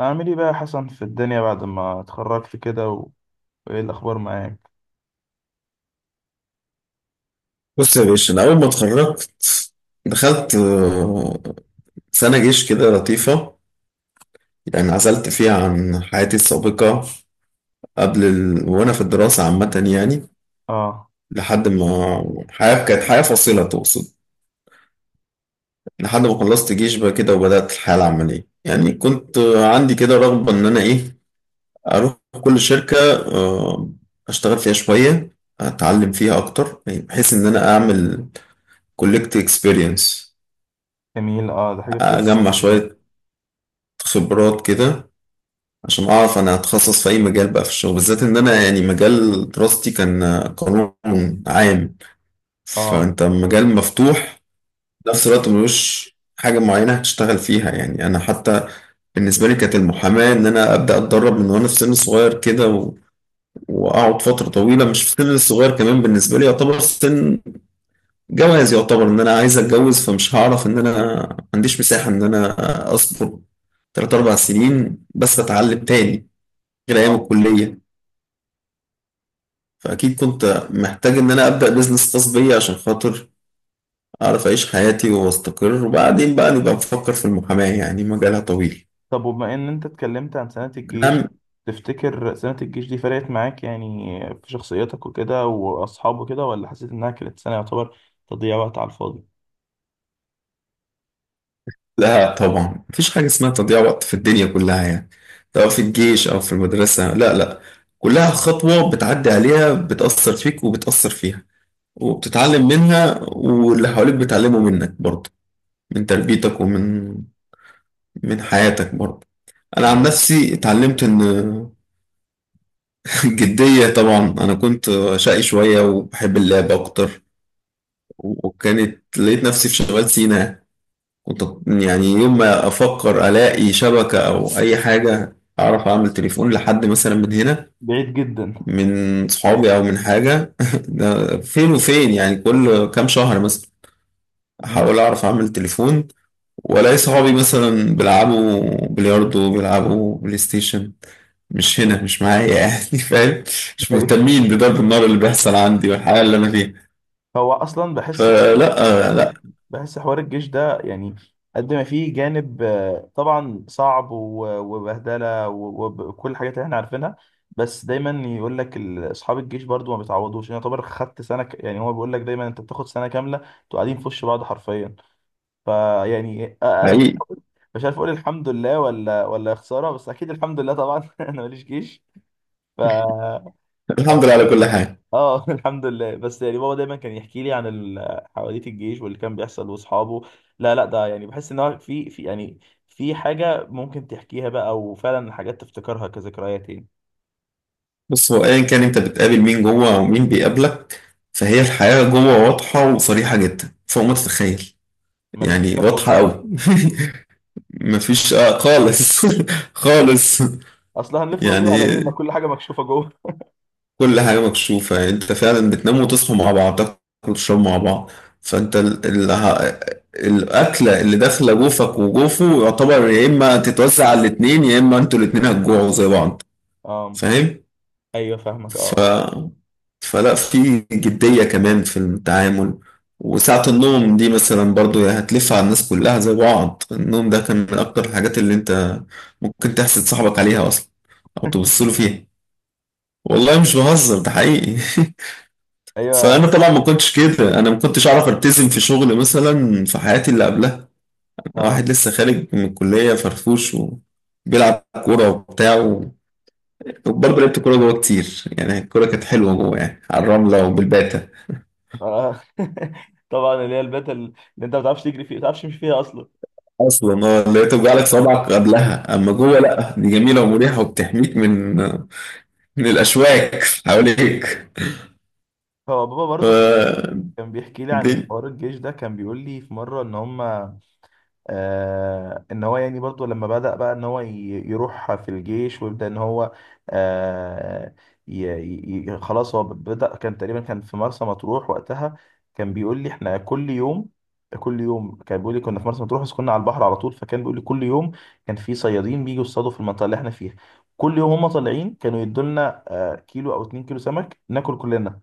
أعمل إيه بقى يا حسن في الدنيا بعد ما اتخرجت كده وإيه الأخبار معاك؟ بص يا باشا، أنا أول ما اتخرجت دخلت سنة جيش كده لطيفة. يعني عزلت فيها عن حياتي السابقة قبل وأنا في الدراسة عامة يعني آه. لحد ما حياة كانت حياة فاصلة تقصد. لحد ما خلصت جيش بقى كده وبدأت الحياة العملية يعني كنت عندي كده رغبة إن أنا إيه أروح كل شركة آه، أشتغل فيها شوية أتعلم فيها أكتر، يعني بحيث إن أنا أعمل كولكت إكسبيرينس جميل، ده حاجة كويسة أجمع جداً. شوية خبرات كده عشان اعرف انا هتخصص في اي مجال بقى في الشغل، بالذات ان انا يعني مجال دراستي كان قانون عام. آه، فانت مجال مفتوح في نفس الوقت ملوش حاجة معينة هتشتغل فيها، يعني انا حتى بالنسبة لي كانت المحاماة ان انا ابدا اتدرب من وانا في سن صغير كده واقعد فترة طويلة. مش في سن صغير كمان، بالنسبة لي يعتبر سن جواز، يعتبر ان انا عايز اتجوز فمش هعرف ان انا ما عنديش مساحة ان انا اصبر تلات أربع سنين بس أتعلم تاني غير أيام آه، الكلية. فأكيد كنت محتاج إن أنا أبدأ بيزنس خاص بيا عشان خاطر أعرف أعيش حياتي وأستقر، وبعدين بقى نبقى نفكر في المحاماة يعني مجالها طويل طب وبما إن أنت اتكلمت عن سنة الجيش، كلام. تفتكر سنة الجيش دي فرقت معاك يعني في شخصيتك وكده وأصحابه كده، ولا حسيت إنها كانت سنة يعتبر تضييع وقت على الفاضي؟ لا طبعا، مفيش حاجة اسمها تضييع وقت في الدنيا كلها يعني، سواء في الجيش أو في المدرسة. لا لا، كلها خطوة بتعدي عليها بتأثر فيك وبتأثر فيها وبتتعلم منها، واللي حواليك بيتعلموا منك برضه، من تربيتك ومن حياتك برضه. أنا عن نفسي اتعلمت إن الجدية طبعا. أنا كنت شقي شوية وبحب اللعب أكتر، وكانت لقيت نفسي في شمال سيناء. كنت يعني يوم ما أفكر ألاقي شبكة أو أي حاجة أعرف أعمل تليفون لحد مثلا من هنا، بعيد جدا. من صحابي أو من حاجة ده فين وفين، يعني كل كام شهر مثلا مم. أحاول أعرف أعمل تليفون، وألاقي صحابي مثلا بيلعبوا بلياردو بيلعبوا بلاي ستيشن مش هنا مش معايا يعني فاهم؟ مش أيوه. مهتمين بضرب النار اللي بيحصل عندي والحياة اللي أنا فيها. هو أصلا بحس فلا لا. بحس حوار الجيش ده يعني قد ما فيه جانب، طبعا صعب، وبهدله، وكل الحاجات اللي احنا عارفينها. بس دايما يقول لك اصحاب الجيش برضو ما بيتعوضوش، يعني يعتبر خدت سنه يعني هو بيقول لك دايما انت بتاخد سنه كامله، انتوا قاعدين في وش بعض حرفيا. فيعني، انا مش حقيقي. عارف مش عارف اقول الحمد لله ولا يا خساره، بس اكيد الحمد لله طبعا. انا ماليش جيش ف الحمد لله على كل حاجة. اه. الحمد لله، بس يعني بابا دايما كان يحكي لي عن حواديت الجيش واللي كان بيحصل واصحابه. لا، لا، ده يعني بحس ان هو في يعني في حاجه ممكن تحكيها بقى، وفعلا حاجات تفتكرها كذكريات يعني. بص، هو أيا كان أنت بتقابل مين جوه ومين بيقابلك، فهي الحياة جوه واضحة وصريحة جدا فوق ما تتخيل. مفيش يعني لف واضحة ودوران، أوي مفيش خالص خالص. اصلا هنلف يعني وندور على ايه؟ ما كل حاجه مكشوفه جوه. كل حاجة مكشوفة، يعني انت فعلا بتنام وتصحوا مع بعض، تاكلوا وتشربوا مع بعض. فانت الأكلة اللي داخلة جوفك وجوفه يعتبر يا إما تتوزع على الاتنين يا إما انتوا الاتنين هتجوعوا زي بعض. اه. فاهم؟ ايوه، فاهمك. ف... اه. فلا، في جدية كمان في التعامل. وساعة النوم دي مثلا برضو هتلف على الناس كلها زي بعض، النوم ده كان من أكتر الحاجات اللي انت ممكن تحسد صاحبك عليها أصلا أو تبص له فيها. والله مش بهزر، ده حقيقي فانا ايوه. طبعا ما كنتش كده، انا ما كنتش اعرف التزم في شغل مثلا في حياتي اللي قبلها. انا اه. واحد لسه خارج من الكليه فرفوش وبيلعب كوره وبتاع وبرضه لعبت كوره جوه كتير، يعني الكوره كانت حلوه جوه يعني، على الرمله وبالباته. آه. طبعا اللي هي البيت اللي انت ما بتعرفش تجري فيه، ما بتعرفش تمشي فيها اصلا. اصلا اللي هي توجع لك صوابعك قبلها، اما جوه لا، دي جميله ومريحه وبتحميك من الاشواك حواليك. هو بابا ف برضو كان بيحكي لي عن حوار الجيش ده، كان بيقول لي في مره ان هم، ان هو يعني برضو لما بدأ بقى ان هو يروح في الجيش ويبدأ ان هو، آه خلاص هو بدأ، كان تقريبا كان في مرسى مطروح وقتها. كان بيقول لي احنا كل يوم، كل يوم كان بيقول لي كنا في مرسى مطروح، بس كنا على البحر على طول، فكان بيقول لي كل يوم كان في صيادين بيجوا يصطادوا في المنطقة اللي احنا فيها، كل يوم هم طالعين كانوا يدولنا كيلو او اتنين كيلو سمك ناكل كلنا.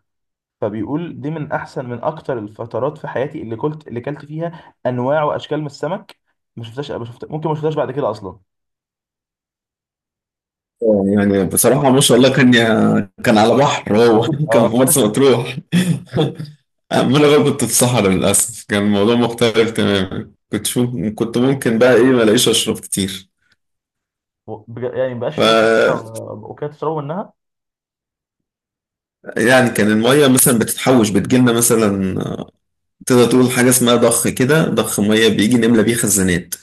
فبيقول دي من احسن، من اكتر الفترات في حياتي اللي كلت فيها انواع واشكال من السمك ما شفتهاش، ما شفت، ممكن ما شفتهاش بعد كده اصلا. يعني بصراحة ما شاء الله، كان كان على بحر هو كان في اه. مرسى مطروح أما أنا بقى كنت في صحراء للأسف، كان الموضوع مختلف تماما. كنت شو كنت ممكن بقى إيه، ما ألاقيش أشرب كتير. يعني ما بقاش ف في اوكيات تشربوا منها. يعني كان المية مثلا بتتحوش، بتجيلنا مثلا تقدر تقول حاجة اسمها ضخ كده، ضخ مية بيجي نملى بيه خزانات،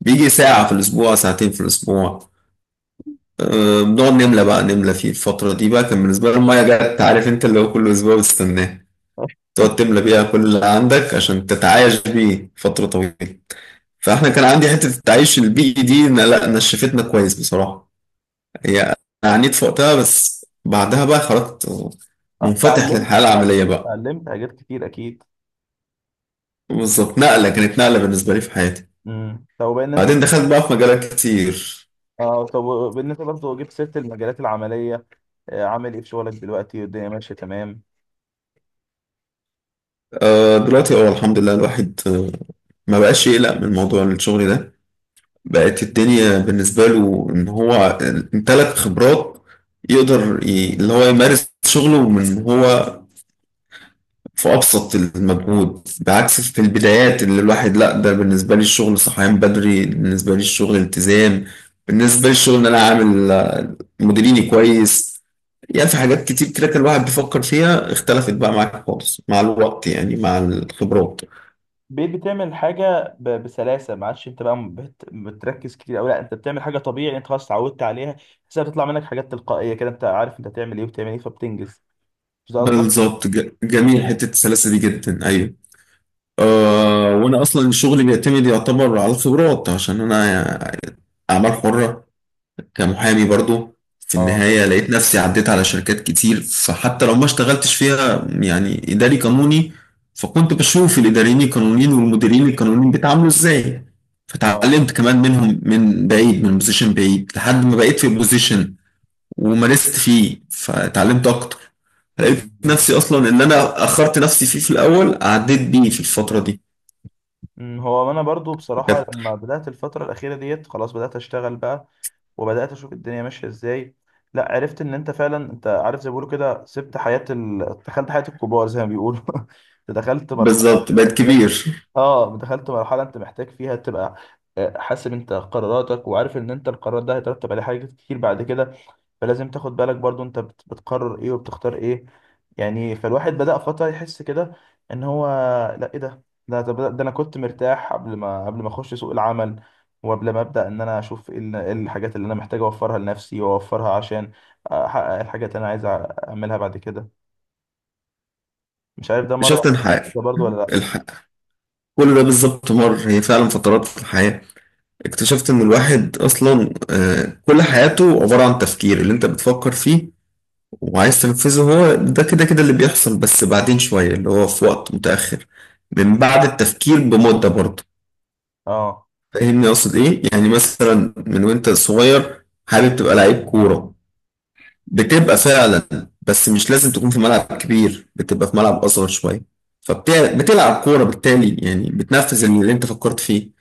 بيجي ساعة في الأسبوع ساعتين في الأسبوع. بنقعد نملى بقى، نملى فيه الفترة دي بقى. كان بالنسبة لي المية جت عارف أنت، اللي هو كل أسبوع بستناه آه، تقعد تملى بيها كل اللي عندك عشان تتعايش بيه فترة طويلة. فاحنا كان عندي حتة التعايش البيئي دي لا نشفتنا كويس بصراحة هي، أنا عانيت في وقتها بس بعدها بقى خرجت منفتح اتعلمت، للحياة العملية بقى. حاجات كتير اكيد. بالظبط، نقلة كانت نقلة بالنسبة لي في حياتي. طب بما ان انت، بعدين دخلت بقى في مجالات كتير. اه طب بالنسبه برضه جبت سيره المجالات العمليه، عامل ايه في شغلك دلوقتي والدنيا ماشيه تمام؟ دلوقتي الحمد لله الواحد ما بقاش يقلق من موضوع الشغل ده. بقت الدنيا بالنسبة له إن هو امتلك خبرات يقدر اللي هو يمارس شغله من هو في أبسط المجهود، بعكس في البدايات اللي الواحد لأ. ده بالنسبة لي الشغل صحيان بدري، بالنسبة لي الشغل التزام، بالنسبة لي الشغل إن أنا عامل مديريني كويس. يعني في حاجات كتير كده كان الواحد بيفكر فيها اختلفت بقى معاك خالص مع الوقت، يعني مع الخبرات. بقيت بتعمل حاجة بسلاسة، ما عادش انت بقى بتركز كتير أوي. لا انت بتعمل حاجة طبيعي، انت خلاص اتعودت عليها، بس بتطلع منك حاجات تلقائية كده. انت عارف انت هتعمل ايه وبتعمل ايه فبتنجز. مش ده قصدك؟ بالظبط، جميل حتة السلاسة دي جدا، أيوه. آه، وانا اصلا شغلي بيعتمد يعتبر على الخبرات عشان انا اعمال حرة كمحامي برضو. في اه. النهاية لقيت نفسي عديت على شركات كتير، فحتى لو ما اشتغلتش فيها يعني اداري قانوني، فكنت بشوف الاداريين القانونيين والمديرين القانونيين بيتعاملوا ازاي. اه، فتعلمت كمان منهم من بعيد، من بوزيشن بعيد، لحد ما بقيت في بوزيشن ومارست فيه فتعلمت اكتر. جميل، لقيت جميل نفسي ده. اصلا ان انا اخرت نفسي فيه، في الاول عديت بيه في الفترة دي هو انا برضو بصراحة فكانت لما بدأت الفترة الأخيرة ديت، خلاص بدأت اشتغل بقى، وبدأت اشوف الدنيا ماشية ازاي. لا، عرفت ان انت فعلا، انت عارف زي ما بيقولوا كده سبت حياة دخلت حياة الكبار زي ما بيقولوا. أنت دخلت مرحلة. بالظبط، بقت كبير. اه، دخلت مرحله انت محتاج فيها تبقى، حاسب انت قراراتك، وعارف ان انت القرار ده هيترتب عليه حاجات كتير بعد كده، فلازم تاخد بالك برضو انت بتقرر ايه وبتختار ايه، يعني. فالواحد بدأ فتره يحس كده ان هو، لا ايه ده، ده طب ده انا كنت مرتاح قبل ما اخش سوق العمل، وقبل ما ابدا ان انا اشوف ايه إيه الحاجات اللي انا محتاج اوفرها لنفسي واوفرها عشان احقق الحاجات اللي انا عايز اعملها بعد كده. مش عارف، ده مره، اكتشفت الحياة، ده برضو ولا لا. الحياة كل ده بالظبط مر. هي فعلا فترات في الحياة، اكتشفت ان الواحد اصلا كل حياته عبارة عن تفكير اللي انت بتفكر فيه وعايز تنفذه. هو ده كده كده اللي بيحصل، بس بعدين شوية اللي هو في وقت متأخر، من بعد التفكير بمدة برضه. اه. فاهمني اقصد ايه؟ يعني مثلا من وانت صغير حابب تبقى لعيب كورة بتبقى فعلا، بس مش لازم تكون في ملعب كبير، بتبقى في ملعب أصغر شوية فبتلعب كورة، بالتالي يعني بتنفذ اللي انت فكرت فيه.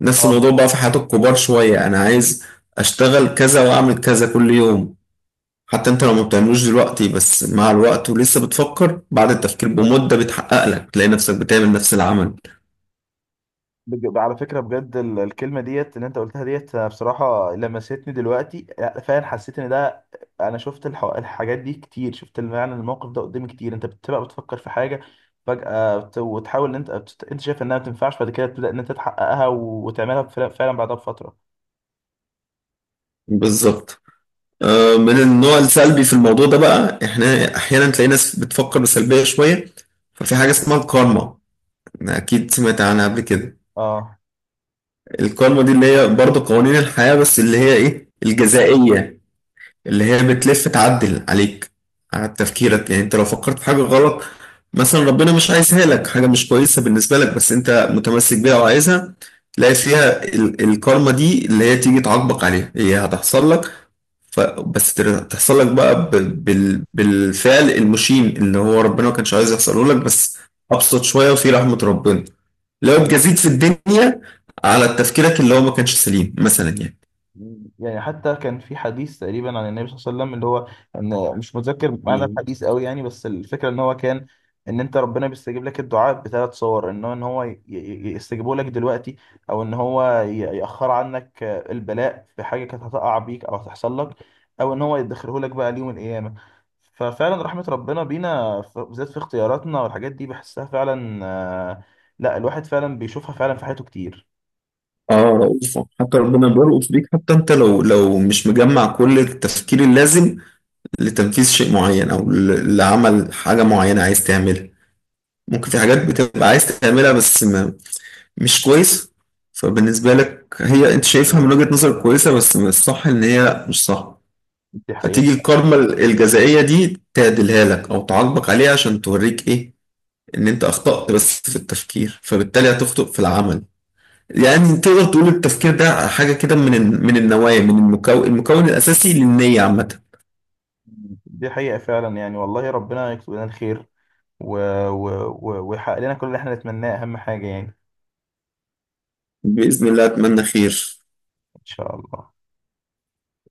نفس اه، الموضوع بقى في حياة الكبار شوية، أنا عايز أشتغل كذا وأعمل كذا كل يوم. حتى أنت لو ما بتعملوش دلوقتي بس مع الوقت ولسه بتفكر، بعد التفكير بمدة بتحقق لك تلاقي نفسك بتعمل نفس العمل. على فكرة بجد الكلمة ديت اللي انت قلتها ديت، أنا بصراحة لمستني دلوقتي، لا، فعلا حسيت ان ده، انا شفت الحاجات دي كتير، شفت يعني الموقف ده قدامي كتير. انت بتبقى بتفكر في حاجة فجأة، وتحاول ان انت، انت شايف انها ما بتنفعش، بعد كده تبدأ ان انت تحققها وتعملها فعلا، فعلا بعدها بفترة. بالظبط. من النوع السلبي في الموضوع ده بقى، إحنا أحيانا تلاقي ناس بتفكر بسلبية شوية، ففي حاجة اسمها الكارما أكيد سمعت عنها قبل كده. اه، القانون دي اللي هي برضه قوانين الحياة، بس اللي هي إيه الجزائية اللي هي بتلف تعدل عليك على تفكيرك. يعني أنت لو فكرت في حاجة غلط، مثلا ربنا مش عايزها لك، حاجة مش كويسة بالنسبة لك، بس أنت متمسك بيها وعايزها، تلاقي فيها الكارما دي اللي هي تيجي تعاقبك عليها، هي هتحصل لك. بس تحصل لك بقى بالفعل المشين اللي هو ربنا ما كانش عايز يحصله لك، بس أبسط شوية وفي رحمة ربنا لو اتجازيت في الدنيا على تفكيرك اللي هو ما كانش سليم مثلا يعني. يعني حتى كان في حديث تقريبا عن النبي صلى الله عليه وسلم اللي هو، ان مش متذكر معنى الحديث قوي يعني، بس الفكره ان هو كان، ان انت ربنا بيستجيب لك الدعاء بثلاث صور، ان هو يستجيبه لك دلوقتي، او ان هو ياخر عنك البلاء في حاجه كانت هتقع بيك او هتحصل لك، او ان هو يدخره لك بقى ليوم القيامه. ففعلا رحمه ربنا بينا، بالذات في اختياراتنا والحاجات دي بحسها فعلا. آه، لا الواحد فعلا بيشوفها فعلا في حياته كتير. اه رؤوفة، حتى ربنا بيرؤوف بيك. حتى انت لو مش مجمع كل التفكير اللازم لتنفيذ شيء معين، او لعمل حاجة معينة عايز تعملها، ممكن في حاجات بتبقى عايز تعملها بس ما مش كويس. فبالنسبة لك هي انت شايفها من وجهة نظر كويسة، بس من الصح ان هي مش صح. دي حقيقه. فتيجي الكارما الجزائية دي تعدلها لك او تعاقبك عليها عشان توريك ايه، ان انت اخطأت بس في التفكير، فبالتالي هتخطئ في العمل. يعني تقدر تقول التفكير ده حاجة كده من النوايا، من المكون المكون الأساسي للنية عامة. دي حقيقة فعلا، يعني والله ربنا يكتب لنا الخير و... و... ويحقق لنا كل اللي احنا نتمناه، أهم حاجة يعني. بإذن الله أتمنى خير. إن شاء الله.